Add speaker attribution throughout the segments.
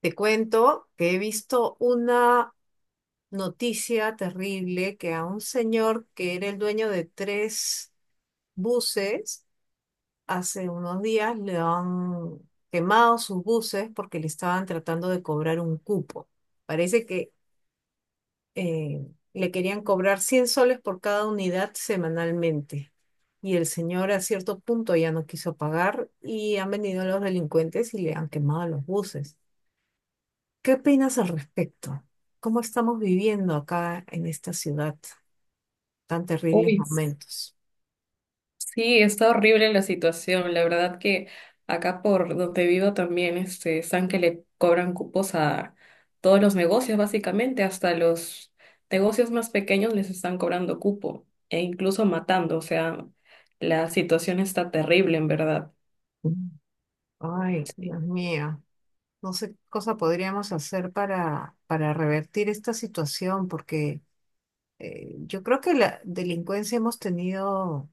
Speaker 1: Te cuento que he visto una noticia terrible que a un señor que era el dueño de tres buses, hace unos días le han quemado sus buses porque le estaban tratando de cobrar un cupo. Parece que eh, le querían cobrar 100 soles por cada unidad semanalmente. Y el señor a cierto punto ya no quiso pagar y han venido los delincuentes y le han quemado los buses. ¿Qué opinas al respecto? ¿Cómo estamos viviendo acá en esta ciudad tan terribles
Speaker 2: Uy,
Speaker 1: momentos?
Speaker 2: sí, está horrible la situación. La verdad que acá por donde vivo también están que le cobran cupos a todos los negocios, básicamente, hasta los negocios más pequeños les están cobrando cupo e incluso matando. O sea, la situación está terrible, en verdad.
Speaker 1: Mm. Ay,
Speaker 2: Sí,
Speaker 1: Dios mío, no sé qué cosa podríamos hacer para revertir esta situación, porque yo creo que la delincuencia hemos tenido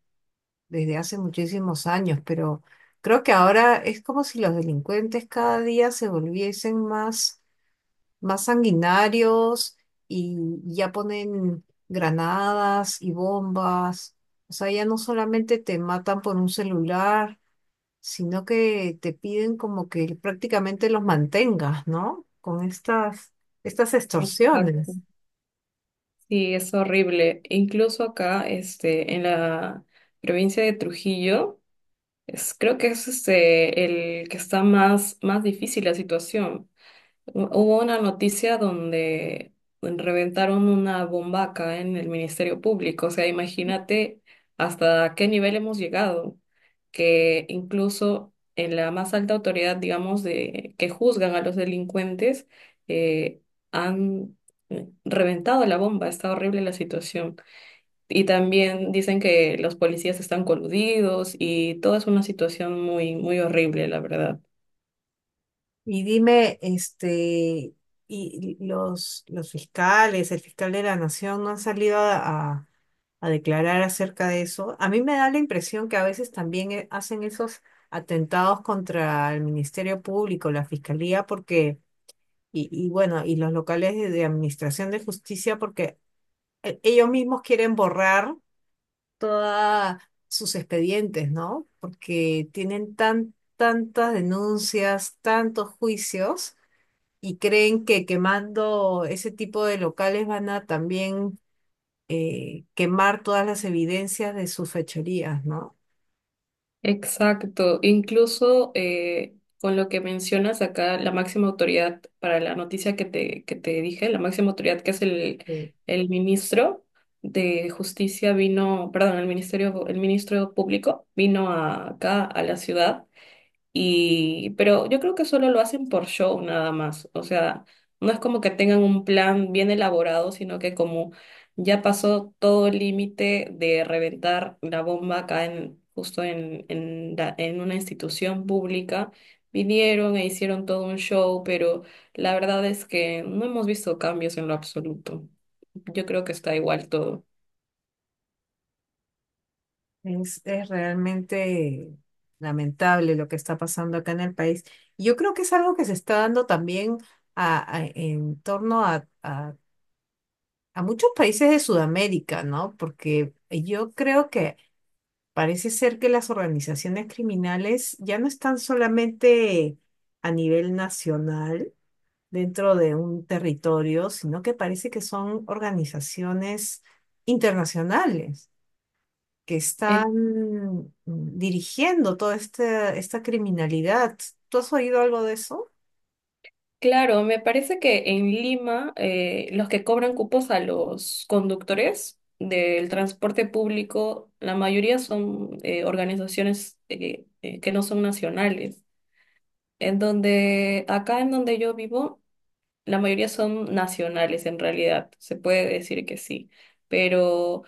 Speaker 1: desde hace muchísimos años, pero creo que ahora es como si los delincuentes cada día se volviesen más sanguinarios y ya ponen granadas y bombas. O sea, ya no solamente te matan por un celular, sino que te piden como que prácticamente los mantengas, ¿no? Con estas
Speaker 2: exacto.
Speaker 1: extorsiones.
Speaker 2: Sí, es horrible. Incluso acá, en la provincia de Trujillo, creo que es el que está más difícil la situación. Hubo una noticia donde bueno, reventaron una bomba acá en el Ministerio Público. O sea, imagínate hasta qué nivel hemos llegado, que incluso en la más alta autoridad, digamos, de que juzgan a los delincuentes, eh, han reventado la bomba. Está horrible la situación. Y también dicen que los policías están coludidos y toda es una situación muy, muy horrible, la verdad.
Speaker 1: Y dime, este, y los fiscales, el fiscal de la nación, ¿no han salido a, a declarar acerca de eso? A mí me da la impresión que a veces también hacen esos atentados contra el Ministerio Público, la Fiscalía, porque bueno, y los locales de Administración de Justicia, porque ellos mismos quieren borrar todos sus expedientes, ¿no? Porque tienen tantas denuncias, tantos juicios y creen que quemando ese tipo de locales van a también quemar todas las evidencias de sus fechorías, ¿no?
Speaker 2: Exacto, incluso con lo que mencionas acá, la máxima autoridad para la noticia que te dije, la máxima autoridad que es
Speaker 1: Eh,
Speaker 2: el ministro de Justicia vino, perdón, el ministerio, el ministro público acá a la ciudad y, pero yo creo que solo lo hacen por show nada más. O sea, no es como que tengan un plan bien elaborado, sino que como ya pasó todo el límite de reventar la bomba justo en una institución pública, vinieron e hicieron todo un show, pero la verdad es que no hemos visto cambios en lo absoluto. Yo creo que está igual todo.
Speaker 1: es realmente lamentable lo que está pasando acá en el país. Y yo creo que es algo que se está dando también en torno a muchos países de Sudamérica, ¿no? Porque yo creo que parece ser que las organizaciones criminales ya no están solamente a nivel nacional, dentro de un territorio, sino que parece que son organizaciones internacionales que están dirigiendo toda esta criminalidad. ¿Tú has oído algo de eso?
Speaker 2: Claro, me parece que en Lima los que cobran cupos a los conductores del transporte público, la mayoría son organizaciones que no son nacionales. Acá en donde yo vivo, la mayoría son nacionales, en realidad, se puede decir que sí, pero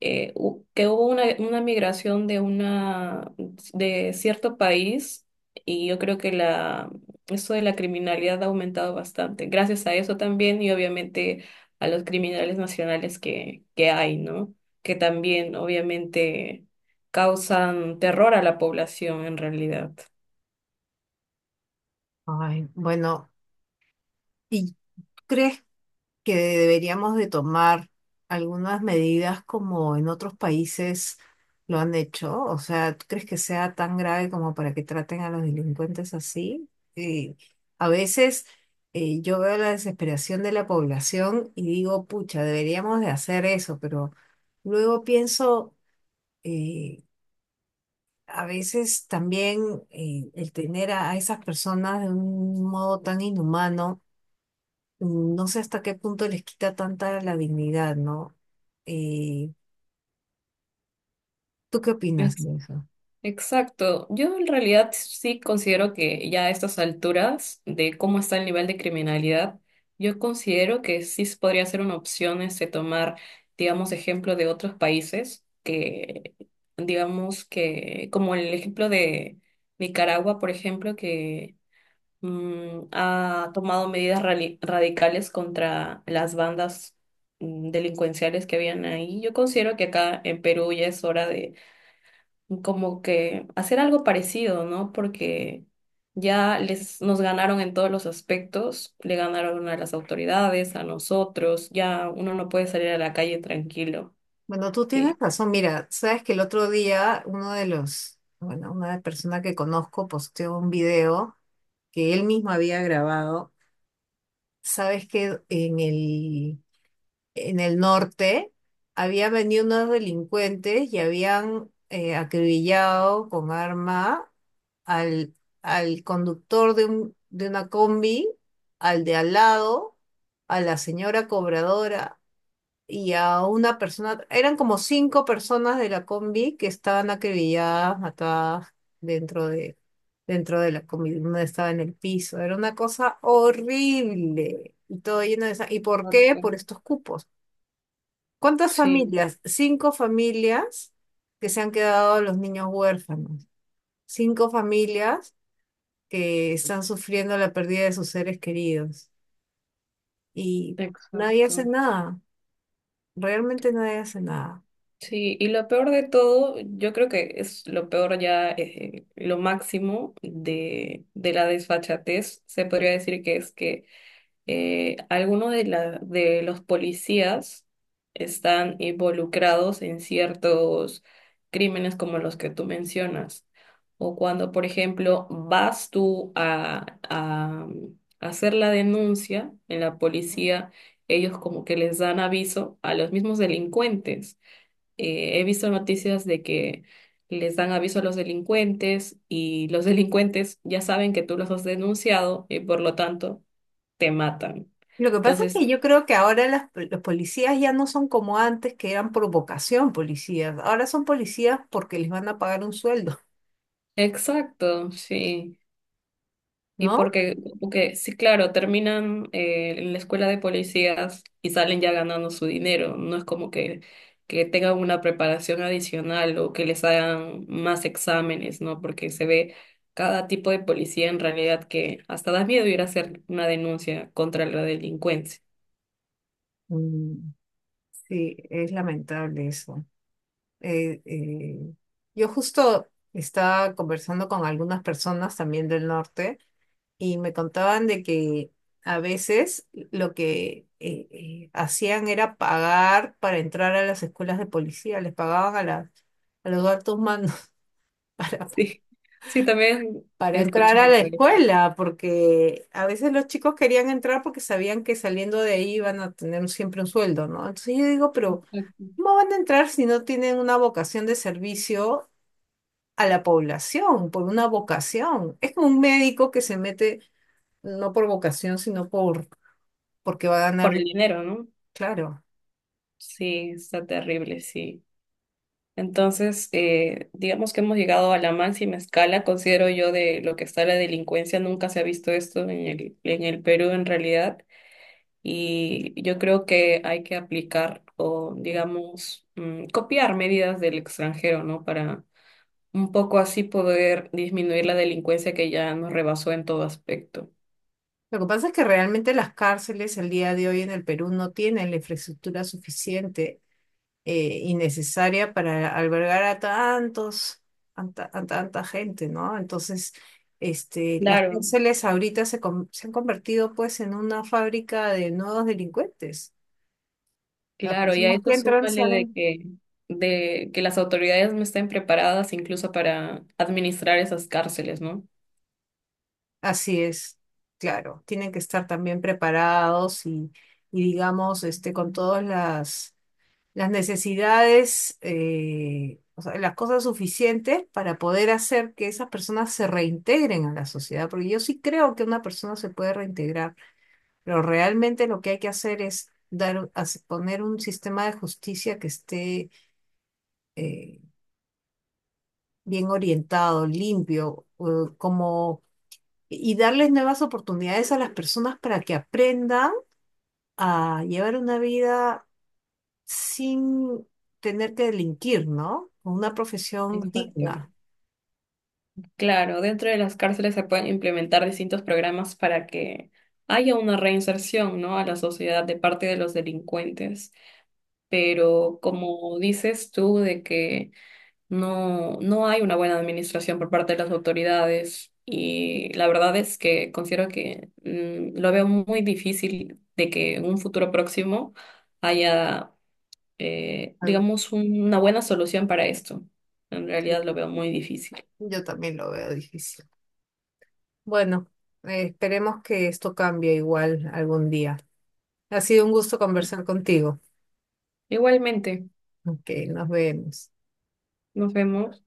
Speaker 2: que hubo una migración de una de cierto país y yo creo que la eso de la criminalidad ha aumentado bastante. Gracias a eso también y obviamente a los criminales nacionales que hay, ¿no? Que también obviamente causan terror a la población en realidad.
Speaker 1: Ay, bueno, ¿y crees que deberíamos de tomar algunas medidas como en otros países lo han hecho? O sea, ¿tú crees que sea tan grave como para que traten a los delincuentes así? Eh, a veces yo veo la desesperación de la población y digo, pucha, deberíamos de hacer eso, pero luego pienso, eh, a veces también el tener a esas personas de un modo tan inhumano, no sé hasta qué punto les quita tanta la dignidad, ¿no? Eh, ¿Tú qué opinas de eso?
Speaker 2: Exacto. Yo en realidad sí considero que ya a estas alturas de cómo está el nivel de criminalidad, yo considero que podría ser una opción este tomar, digamos, ejemplo de otros países que, digamos que, como el ejemplo de Nicaragua, por ejemplo, que ha tomado medidas radicales contra las bandas delincuenciales que habían ahí. Yo considero que acá en Perú ya es hora como que hacer algo parecido, ¿no? Porque ya les nos ganaron en todos los aspectos, le ganaron a las autoridades, a nosotros, ya uno no puede salir a la calle tranquilo.
Speaker 1: Bueno, tú tienes
Speaker 2: Y
Speaker 1: razón. Mira, sabes que el otro día uno de bueno, una persona que conozco posteó un video que él mismo había grabado. Sabes que en el norte, habían venido unos delincuentes y habían acribillado con arma al, al conductor de de una combi, al de al lado, a la señora cobradora y a una persona. Eran como cinco personas de la combi que estaban acribilladas, matadas dentro de, dentro de la combi. Una estaba en el piso. Era una cosa horrible. Y todo lleno de ¿Y por qué?
Speaker 2: exacto,
Speaker 1: Por estos cupos. ¿Cuántas
Speaker 2: sí,
Speaker 1: familias? Cinco familias que se han quedado los niños huérfanos. Cinco familias que están sufriendo la pérdida de sus seres queridos. Y nadie hace
Speaker 2: exacto.
Speaker 1: nada. Realmente nadie hace nada.
Speaker 2: Sí, y lo peor de todo, yo creo que es lo peor ya, lo máximo de la desfachatez, se podría decir que es que algunos de los policías están involucrados en ciertos crímenes como los que tú mencionas. O cuando, por ejemplo, a hacer la denuncia en la policía, ellos como que les dan aviso a los mismos delincuentes. Eh, he visto noticias de que les dan aviso a los delincuentes y los delincuentes ya saben que tú los has denunciado y por lo tanto te matan.
Speaker 1: Lo que pasa es
Speaker 2: Entonces,
Speaker 1: que yo creo que ahora los policías ya no son como antes, que eran por vocación policías. Ahora son policías porque les van a pagar un sueldo,
Speaker 2: exacto, sí.
Speaker 1: ¿no?
Speaker 2: Porque sí, claro, terminan en la escuela de policías y salen ya ganando su dinero. No es como que tengan una preparación adicional o que les hagan más exámenes, ¿no? Porque se ve cada tipo de policía en realidad que hasta da miedo ir a hacer una denuncia contra la delincuencia.
Speaker 1: Mm, sí, es lamentable eso. eh, eh, yo justo estaba conversando con algunas personas también del norte y me contaban de que a veces lo que hacían era pagar para entrar a las escuelas de policía, les pagaban a a los altos mandos
Speaker 2: Sí, sí, también
Speaker 1: para
Speaker 2: he
Speaker 1: entrar a la
Speaker 2: escuchado
Speaker 1: escuela, porque a veces los chicos querían entrar porque sabían que saliendo de ahí iban a tener siempre un sueldo, ¿no? Entonces yo digo, pero...
Speaker 2: eso.
Speaker 1: ¿Cómo van a entrar si no tienen una vocación de servicio a la población por una vocación? Es como un médico que se mete no por vocación, sino porque va a ganar,
Speaker 2: Por el dinero, ¿no?
Speaker 1: claro.
Speaker 2: Sí, está terrible, sí. Entonces, digamos que hemos llegado a la máxima escala, considero yo, de lo que está la delincuencia. Nunca se ha visto esto en en el Perú en realidad. Y yo creo que hay que aplicar o, digamos, copiar medidas del extranjero, ¿no? Para un poco así poder disminuir la delincuencia que ya nos rebasó en todo aspecto.
Speaker 1: Lo que pasa es que realmente las cárceles el día de hoy en el Perú no tienen la infraestructura suficiente y necesaria para albergar a tantos, a tanta gente, ¿no? Entonces, este, las
Speaker 2: Claro,
Speaker 1: cárceles ahorita se han convertido pues en una fábrica de nuevos delincuentes. Las
Speaker 2: claro, y a
Speaker 1: personas que
Speaker 2: eso
Speaker 1: entran
Speaker 2: súmale
Speaker 1: salen.
Speaker 2: de que las autoridades no estén preparadas incluso para administrar esas cárceles, ¿no?
Speaker 1: Así es, claro, tienen que estar también preparados y digamos, este, con todas las necesidades, o sea, las cosas suficientes para poder hacer que esas personas se reintegren a la sociedad, porque yo sí creo que una persona se puede reintegrar, pero realmente lo que hay que hacer es poner un sistema de justicia que esté eh, bien orientado, limpio, como y darles nuevas oportunidades a las personas para que aprendan a llevar una vida sin tener que delinquir, ¿no? Con una profesión
Speaker 2: Exacto.
Speaker 1: digna.
Speaker 2: Claro, dentro de las cárceles se pueden implementar distintos programas para que haya una reinserción, ¿no? A la sociedad de parte de los delincuentes. Pero como dices tú, de que no hay una buena administración por parte de las autoridades y la verdad es que considero que lo veo muy difícil de que en un futuro próximo haya,
Speaker 1: Algo
Speaker 2: digamos, una buena solución para esto. En
Speaker 1: así.
Speaker 2: realidad lo veo muy difícil.
Speaker 1: Yo también lo veo difícil. Bueno, esperemos que esto cambie igual algún día. Ha sido un gusto conversar contigo.
Speaker 2: Igualmente,
Speaker 1: Ok, nos vemos.
Speaker 2: nos vemos.